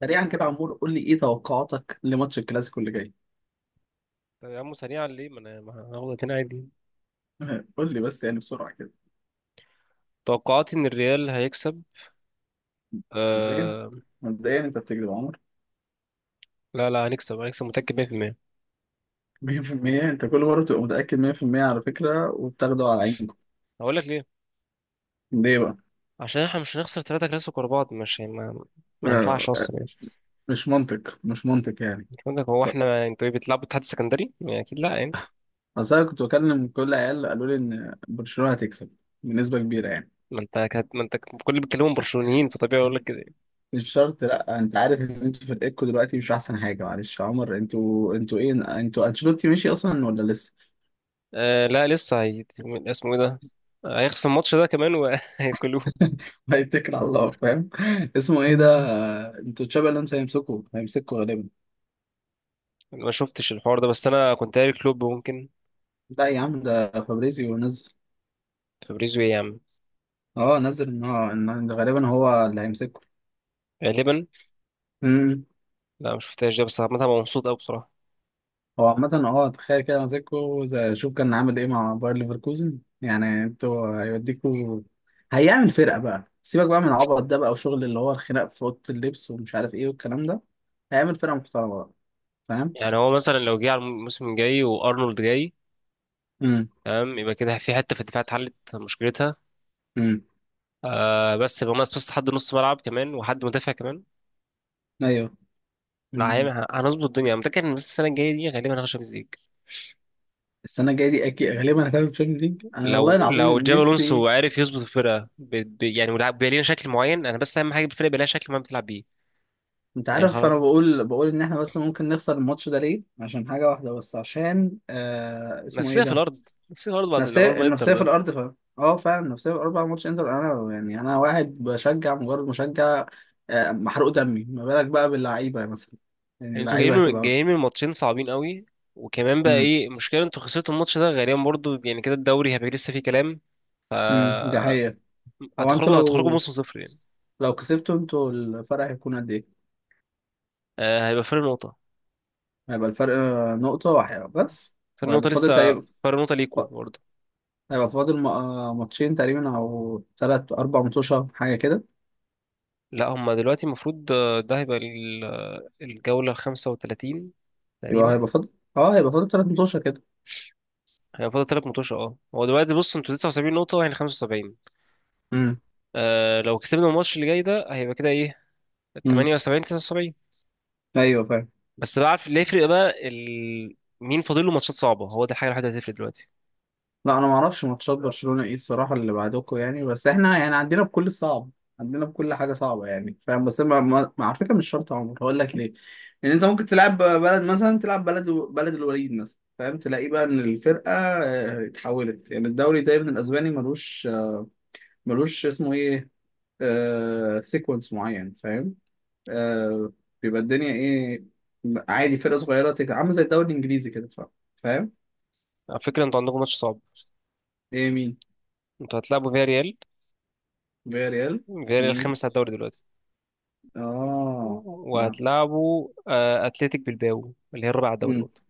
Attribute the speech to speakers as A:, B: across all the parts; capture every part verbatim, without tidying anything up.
A: سريعا كده يا عمور، قول لي ايه توقعاتك لماتش الكلاسيكو اللي جاي؟
B: طب يا عم، سريعا ليه؟ ما انا ما هاخد اتنين عادي.
A: قول لي بس يعني بسرعه كده.
B: توقعاتي ان الريال هيكسب.
A: مبدئيا
B: آه.
A: مبدئيا انت بتكذب يا عمر.
B: لا لا، هنكسب هنكسب متأكد مية في المية.
A: مية في المية؟ انت كل مره بتبقى متاكد مية في المية على فكره وبتاخده على عينكم.
B: هقول لك ليه.
A: ليه بقى؟
B: عشان احنا مش هنخسر ثلاثة كلاسيكو ورا بعض، مش ما, ما ينفعش
A: آه،
B: اصلا يعني.
A: مش منطق مش منطق يعني.
B: مش عندك، هو
A: ف-
B: احنا انتوا ايه، بتلعبوا اتحاد سكندري يعني؟ اكيد لا يعني.
A: اصل انا كنت بكلم كل عيال قالوا لي ان برشلونه هتكسب بنسبه كبيره يعني.
B: ما انت كانت ما انت كل اللي بيتكلموا برشلونيين، فطبيعي اقول لك كده يعني.
A: مش شرط، لا انت عارف ان انتوا فرقتكم دلوقتي مش احسن حاجه. معلش يا عمر، انتوا انتوا ايه؟ انتوا انشيلوتي مشي اصلا ولا؟
B: آه لا، لسه هي... اسمه ايه ده؟ هيخسر الماتش ده كمان وهياكلوه.
A: هيتكل على الله، فاهم. اسمه ايه ده؟ انتوا تشابي الونسو هيمسكوا هيمسكوا غالبا.
B: أنا ما شفتش الحوار ده، بس انا كنت قاري كلوب ممكن.
A: لا يا عم، ده فابريزيو نزل.
B: فابريزو ايه يا عم؟
A: اه نزل ان هو ان ده غالبا هو اللي هيمسكه.
B: غالبا.
A: امم
B: لا ما شفتهاش ده، بس عامة أنا مبسوط قوي بصراحة.
A: هو عامة اه، تخيل كده ماسكه زي- شوف كان عامل ايه مع باير ليفركوزن؟ يعني انتوا هيوديكوا. هيعمل فرقة بقى، سيبك بقى من العبط ده بقى وشغل اللي هو الخناق في أوضة اللبس ومش عارف ايه والكلام ده. هيعمل فرقة محترمة بقى، فاهم.
B: يعني هو مثلا لو جه على الموسم الجاي وارنولد جاي،
A: امم
B: تمام، يبقى كده في حته في الدفاع اتحلت مشكلتها.
A: امم
B: آه بس يبقى ناقص، بس حد نص ملعب كمان وحد مدافع كمان.
A: ايوه.
B: لا هي- هنظبط الدنيا، أنا متأكد إن بس السنة الجاية دي غالبا هناخد شامبيونز ليج.
A: السنه الجايه دي اكيد غالبا هتعمل تشامبيونز ليج. انا والله
B: لو لو
A: العظيم
B: جاب الونسو
A: نفسي.
B: عارف يظبط الفرقة ب... ب... يعني ولعب، بيبقى لينا شكل معين. أنا بس أهم حاجة بالفرقة يبقى لها شكل معين بتلعب بيه.
A: انت
B: يعني
A: عارف
B: خلاص.
A: انا بقول بقول ان احنا بس ممكن نخسر الماتش ده ليه؟ عشان حاجه واحده بس، عشان آه اسمه ايه
B: نفسية في
A: ده.
B: الأرض، نفسية في الأرض، بعد
A: نفسيه
B: العمر ما إنتر
A: النفسيه في
B: ده.
A: الارض فعلا، اه فعلا، النفسيه في الاربع ماتش انتر. انا يعني انا واحد بشجع، مجرد مشجع. آه محروق دمي، ما بالك بقى باللعيبه مثلا؟ يعني
B: يعني أنتوا جايين
A: اللعيبه
B: من...
A: هتبقى...
B: جايين من ماتشين صعبين قوي. وكمان بقى
A: امم
B: إيه المشكلة، أنتوا خسرتوا الماتش ده غالبا برضه، يعني كده الدوري هيبقى لسه فيه كلام.
A: امم ده حقيقه. هو انتوا
B: هتخرجوا هتخرجوا
A: لو
B: موسم صفر يعني.
A: لو كسبتوا انتوا، الفرق هيكون قد ايه؟
B: آه هيبقى فرق نقطة.
A: هيبقى الفرق آه، نقطه واحده بس.
B: فرق
A: وهيبقى
B: نقطة
A: فاضل
B: لسه.
A: تقريبا.
B: فرق نقطة ليكوا برضه.
A: هيبقى فاضل م- آه، ماتشين تقريبا او ثلاث اربع متوشه حاجه كده.
B: لا هما دلوقتي المفروض، آه، ده هيبقى ال- آه، الجولة الخمسة وتلاتين
A: يبقى
B: تقريبا.
A: هيبقى فاضل، اه هيبقى فاضل ثلاث متوشه كده.
B: هيبقى فاضل تلات ماتش. اه هو دلوقتي بص، انتوا تسعة وسبعين نقطة واحنا خمسة وسبعين.
A: امم
B: آه لو كسبنا الماتش اللي جاي ده، هيبقى كده ايه؟
A: امم
B: تمانية وسبعين، تسعة وسبعين.
A: ايوه فاهم.
B: بس بقى عارف اللي هيفرق بقى ال... مين فاضل له ماتشات صعبة. هو ده الحاجة الوحيدة اللي هتفرق دلوقتي.
A: لا انا ما اعرفش ماتشات برشلونه ايه الصراحه اللي بعدكم يعني، بس احنا يعني عندنا بكل صعب. عندنا بكل حاجه صعبه يعني، فاهم. بس ما ما ما- على فكره مش شرط يا عمر. هقول لك ليه. ان انت ممكن تلعب بلد مثلا، تلعب بلد بلد الوليد مثلا، فاهم. تلاقيه بقى ان الفرقه آه، اتحولت يعني. الدوري دايما الاسباني ملوش ملوش اسمه ايه، آه سيكونس معين، فاهم. آه بيبقى الدنيا ايه. عادي فرقة صغيرة تك... عاملة زي الدوري الانجليزي كده. ف- فاهم.
B: على فكرة انتوا عندكم ماتش صعب.
A: ايه؟ مين؟
B: انتوا هتلعبوا فيا ريال.
A: فيا ريال.
B: فيا ريال
A: ومين؟
B: خامس على الدوري دلوقتي.
A: اه، لا.
B: وهتلعبوا آه، اتلتيك بالباو اللي هي الرابعه على الدوري
A: امم
B: برضه.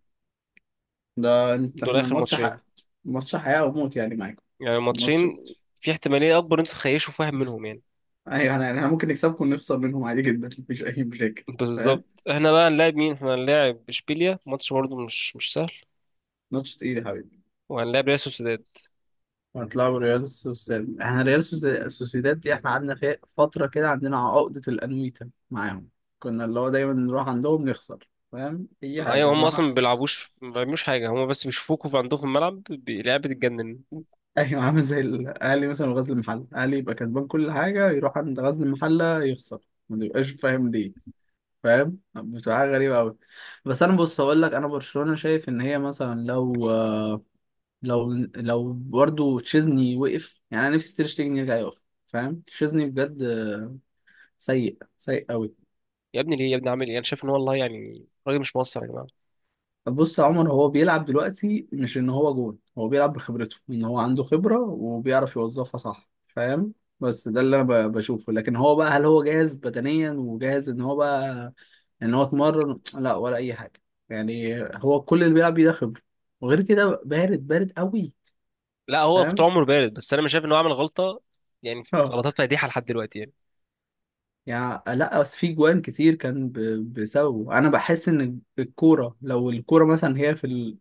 A: ده انت
B: دول
A: احنا
B: اخر
A: الماتش
B: ماتشين.
A: حق. الماتش حياة وموت يعني معاكم.
B: يعني ماتشين.
A: الماتش...
B: في احتماليه اكبر ان انتوا تخيشوا، فاهم، منهم يعني.
A: ايوه، احنا احنا ممكن نكسبكم ونخسر منهم عادي جدا، مفيش اي مشاكل. فاهم.
B: بالظبط. احنا بقى هنلاعب مين؟ احنا هنلاعب اشبيليا، ماتش برضه مش مش سهل.
A: ماتش تقيل يا حبيبي.
B: وهنلاعب ريال سوسيداد.
A: هتلعبوا ريال سوسيداد، احنا ريال سوسي- سوسيداد دي احنا قعدنا فيها فترة كده، عندنا عقدة الأنويتا معاهم. كنا اللي هو دايما نروح عندهم نخسر فاهم، اي حاجه
B: ايوه، هم اصلا
A: نروح.
B: ما بيلعبوش ما بيعملوش حاجه، هم بس بيشوفوكوا في عندهم في الملعب، بي- اللعيبه بتتجنن.
A: ايوه عامل زي الاهلي مثلا وغزل المحله، الاهلي يبقى كسبان كل حاجه يروح عند غزل المحله يخسر، ما بيبقاش فاهم ليه. فاهم، بتبقى حاجه غريبه قوي. بس انا بص، هقول لك انا برشلونه شايف ان هي مثلا لو لو لو برضو تشيزني وقف يعني. انا نفسي تير شتيجن يرجع يقف، فاهم. تشيزني بجد سيء سيء قوي.
B: يا ابني ليه؟ يا ابني عامل ايه؟ انا شايف ان هو والله يعني راجل مش مقصر يا جماعه.
A: بص يا عمر، هو بيلعب دلوقتي مش ان هو جون، هو بيلعب بخبرته، ان هو عنده خبرة وبيعرف يوظفها صح فاهم. بس ده اللي انا ب- بشوفه. لكن هو بقى، هل هو جاهز بدنيا وجاهز ان هو بقى، ان هو اتمرن لا ولا اي حاجة. يعني هو كل اللي بيلعب بيه ده خبرة. وغير كده بارد بارد قوي.
B: لا هو كنت
A: فاهم.
B: عمره بارد، بس انا مش شايف ان هو عمل غلطه يعني،
A: اه.
B: غلطات فادحه لحد دلوقتي يعني.
A: يعني لا، بس في جوان كتير كان ب- بسببه، انا بحس ان الكورة لو الكورة مثلا هي في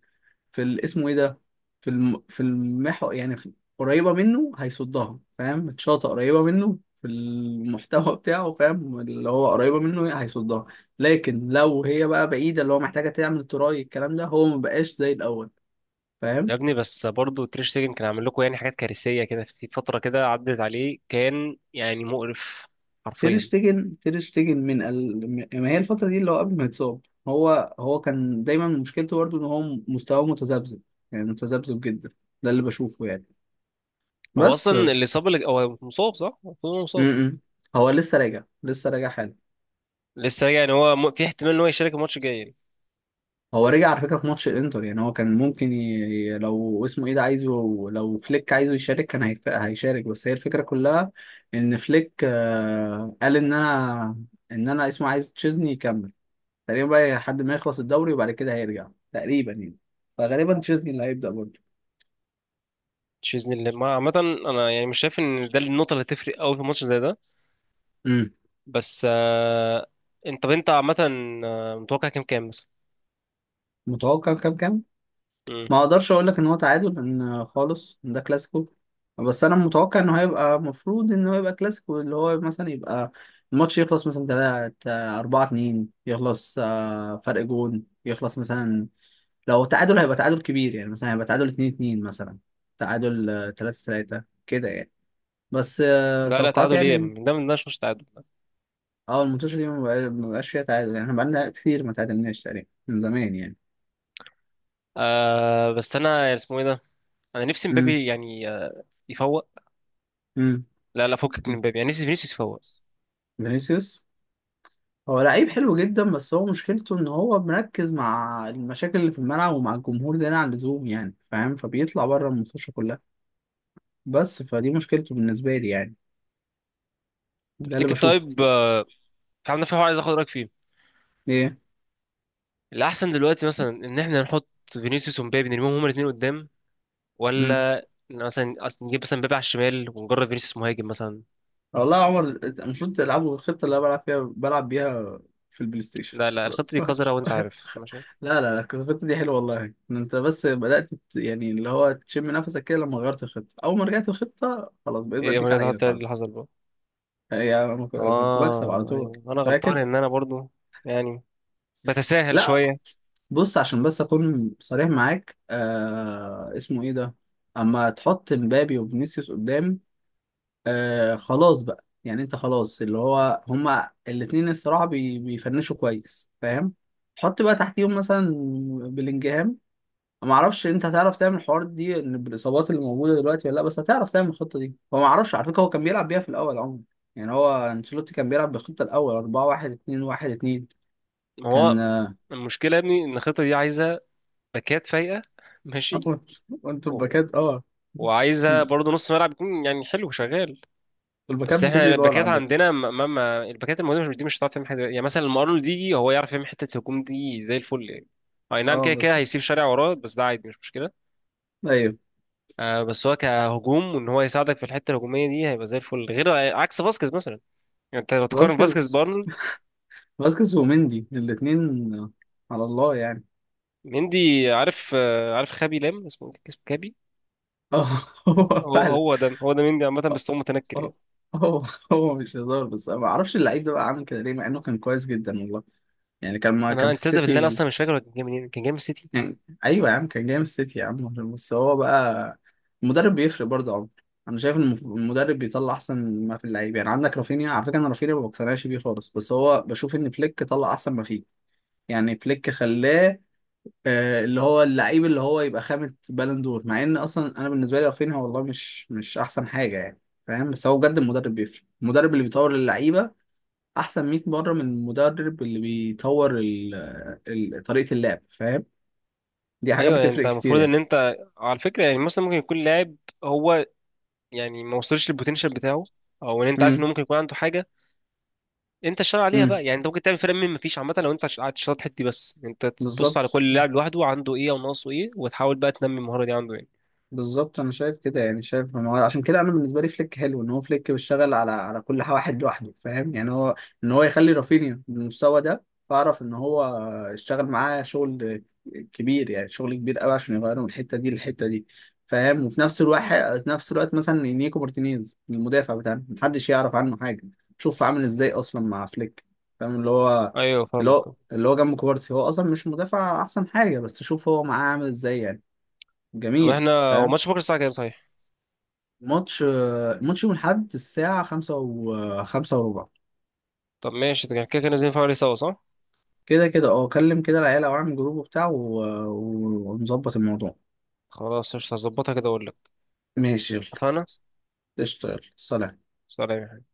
A: في ال- اسمه ايه ده، في الم... في المحور يعني، في... قريبة منه هيصدها فاهم، الشاطئ قريبة منه في المحتوى بتاعه فاهم، اللي هو قريبة منه هي- هيصدها. لكن لو هي بقى بعيدة، اللي هو محتاجة تعمل تراي، الكلام ده هو مبقاش زي الأول،
B: يا
A: فاهم.
B: ابني بس برضه تير شتيجن كان عامل لكم يعني حاجات كارثيه كده، في فتره كده عدت عليه كان يعني مقرف،
A: تير
B: حرفيا.
A: شتيجن تير شتيجن من ال... ما هي الفترة دي اللي هو قبل ما يتصاب. هو هو كان دايما مشكلته برضه ان هو مستواه متذبذب، يعني متذبذب جدا. ده اللي بشوفه يعني.
B: هو
A: بس
B: اصلا اللي صاب، اللي هو مصاب صح؟ المفروض هو
A: م
B: مصاب.
A: -م. هو لسه راجع، لسه راجع حالا.
B: لسه راجع يعني. هو م- في احتمال ان هو يشارك الماتش الجاي يعني؟
A: هو رجع على فكرة في ماتش الانتر. يعني هو كان ممكن ي... لو اسمه ايه ده عايزه، لو فليك عايزه يشارك كان هيف... هيشارك. بس هي الفكرة كلها، ان فليك آه، قال ان انا، ان انا اسمه عايز تشيزني يكمل تقريبا بقى لحد ما يخلص الدوري، وبعد كده هيرجع تقريبا يعني. فغالبا تشيزني اللي هيبدأ برضه.
B: مش باذن الله ما- عامه. انا يعني مش شايف ان ده النقطه اللي هتفرق قوي في ماتش زي ده.
A: امم
B: بس آه... انت طب انت عامه، آه، متوقع كام كام مثلا؟
A: متوقع كام كام؟
B: مم.
A: ما اقدرش اقول لك ان هو تعادل لان خالص ده كلاسيكو. بس انا متوقع انه هيبقى، المفروض انه هيبقى كلاسيكو اللي هو مثلا يبقى الماتش يخلص مثلا تلاتة أربعة اتنين، يخلص آه، فرق جون يخلص مثلا. لو تعادل هيبقى تعادل كبير، يعني مثلا هيبقى تعادل اثنين اثنين مثلا، تعادل ثلاثة تلاتة كده يعني. بس آه،
B: لا لا،
A: توقعات
B: تعادل ايه؟
A: يعني.
B: ده من ده مش ماتش تعادل.
A: اه الماتش دي ما بقى- ما بقاش فيها تعادل. يعني احنا بقالنا كتير ما تعادلناش تقريبا من زمان يعني.
B: آه... بس انا اسمه ايه ده؟ انا نفسي
A: امم
B: مبابي يعني آه، يفوق.
A: امم
B: لا لا، فكك من مبابي، يعني نفسي فينيسيوس يفوق.
A: فينيسيوس. هو لعيب حلو جدا، بس هو مشكلته ان هو مركز مع المشاكل اللي في الملعب ومع الجمهور زيادة عن اللزوم يعني فاهم، فبيطلع بره المنتوشه كلها. بس فدي مشكلته بالنسبة لي يعني. ده اللي
B: تفتكر
A: بشوفه.
B: طيب، آه، في عندنا في حوار عايز اخد رايك فيه.
A: ايه؟
B: الاحسن دلوقتي مثلا ان احنا نحط فينيسيوس ومبابي، نرميهم هما الاثنين قدام،
A: امم
B: ولا مثلا أصل نجيب مثلا مبابي على الشمال ونجرب فينيسيوس مهاجم مثلا؟
A: والله يا عمر، أنت المفروض تلعبوا الخطة اللي انا بلعب فيها بلعب بيها في البلاي ستيشن.
B: لا لا الخطه دي قذره وانت عارف، ماشي.
A: لا لا لا الخطة دي حلوة والله. إن انت بس بدأت ت- يعني اللي هو تشم نفسك كده، لما غيرت الخطة اول ما رجعت الخطة خلاص بقيت
B: ايه يا
A: بديك على
B: مريم،
A: عينك
B: حتى
A: على
B: اللي
A: طول.
B: حصل بقى.
A: يعني أنا ك- كنت بكسب على
B: اه
A: طول،
B: ايوه، انا غلطان
A: فاكر.
B: ان انا برضو يعني بتساهل
A: لا
B: شويه.
A: بص عشان بس اكون صريح معاك، آه اسمه ايه ده، اما تحط مبابي وفينيسيوس قدام، آه خلاص بقى، يعني انت خلاص اللي هو هما الاتنين الصراحه بي بيفنشوا كويس فاهم. حط بقى تحتيهم مثلا بلينجهام. ما اعرفش انت هتعرف تعمل الحوار دي إن بالاصابات اللي موجوده دلوقتي ولا لا، بس هتعرف تعمل الخطه دي. هو ما اعرفش على فكره، هو كان بيلعب بيها في الاول عموما. يعني هو انشيلوتي كان بيلعب بالخطه الاول اربعة واحد اتنين واحد اتنين.
B: ما
A: كان
B: هو
A: آه،
B: المشكله يا ابني ان الخطه دي عايزه باكات فايقه، ماشي،
A: آه، وانتوا
B: و...
A: الباكات اه.
B: وعايزه برضو نص ملعب يكون يعني حلو شغال.
A: الباكات
B: بس احنا
A: بتجري دول
B: الباكات
A: عندك،
B: عندنا ما ما ما- الباكات الموجوده مش دي، مش هتعرف تعمل حاجه، يعني مثلا لما ارنولد يجي هو يعرف يعمل حته الهجوم دي زي الفل يعني. اي نعم،
A: اه
B: كده كده
A: بس.
B: هيسيب شارع وراه، بس ده عادي مش مشكله.
A: ايوه
B: آه بس هو كهجوم وان هو يساعدك في الحته الهجوميه دي هيبقى زي الفل، غير عكس فاسكيز مثلا. يعني انت لو تقارن فاسكيز
A: فاسكيز.
B: بارنولد.
A: فاسكيز ومندي الاثنين على الله يعني.
B: مندي، عارف آه عارف خابي لام، اسمه إيه؟ اسمه كابي.
A: اه. هو
B: هو
A: فعلا
B: هو ده هو ده مندي عامه
A: آه،
B: بس هو متنكر
A: آه،
B: يعني.
A: هو. هو مش هزار، بس أنا ما اعرفش اللعيب ده بقى عامل كده ليه مع انه كان كويس جدا والله. يعني كان ما كان
B: انا
A: في
B: انت ده بالله، أنا
A: السيتي
B: اصلا مش فاكر هو كان جاي منين، كان جاي من السيتي.
A: يعني. ايوه يا عم كان جاي من السيتي يا عم. بس هو بقى المدرب بيفرق برضه يا عمر. انا شايف ان المف- المدرب بيطلع احسن ما في اللعيبه، يعني عندك رافينيا على فكره، انا رافينيا ما بقتنعش بيه خالص بس هو بشوف ان فليك طلع احسن ما فيه. يعني فليك خلاه آه، اللي هو اللعيب اللي هو يبقى خامة بالون دور، مع ان اصلا انا بالنسبه لي رافينيا والله مش مش احسن حاجه يعني، فاهم. بس هو بجد المدرب بيفرق، المدرب اللي بيطور اللعيبه احسن مية مره من المدرب اللي بيطور ال- ال- طريقه اللعب، فاهم. دي حاجه
B: ايوه، يعني انت
A: بتفرق كتير
B: المفروض ان
A: يعني.
B: انت على فكره، يعني مثلا ممكن يكون لاعب، هو، يعني ما وصلش للبوتنشال بتاعه، او ان انت عارف انه
A: امم
B: ممكن يكون عنده حاجه انت تشتغل عليها
A: امم
B: بقى. يعني انت ممكن تعمل فرق من ما فيش عامه، لو انت قاعد تشتغل الحته دي، بس انت تبص على
A: بالظبط.
B: كل لاعب لوحده عنده ايه او ناقصه ايه وتحاول بقى تنمي المهاره دي عنده يعني.
A: بالظبط انا شايف كده يعني، شايف ما هو عشان كده انا بالنسبه لي فليك حلو ان هو فليك بيشتغل على على كل واحد لوحده، فاهم. يعني هو ان هو يخلي رافينيا بالمستوى ده، فاعرف ان هو اشتغل معاه شغل كبير يعني شغل كبير قوي عشان يغيره من الحته دي للحته دي، فاهم. وفي نفس الوقت نفس الوقت مثلا نيكو مارتينيز المدافع بتاعنا محدش يعرف عنه حاجه، شوف عامل ازاي اصلا مع فليك، فاهم. اللي هو
B: ايوه
A: اللي
B: فاهمك.
A: هو اللي هو جنب كوبارسي، هو اصلا مش مدافع احسن حاجه، بس شوف هو معاه عامل ازاي يعني.
B: طب
A: جميل
B: احنا، هو
A: فاهم.
B: ماتش بكره الساعه كام صحيح؟
A: ماتش ماتش يوم الأحد الساعة خمسة و خمسة وربع.
B: طب ماشي، يعني كده كده لازم نتفرج عليه سوا صح؟
A: كده كده اه، كلم كده العيال أو اعمل جروب وبتاع و... ونظبط الموضوع.
B: خلاص قشطة، هظبطها كده اقول لك.
A: ماشي يلا،
B: اتفقنا.
A: اشتغل. سلام.
B: سلام.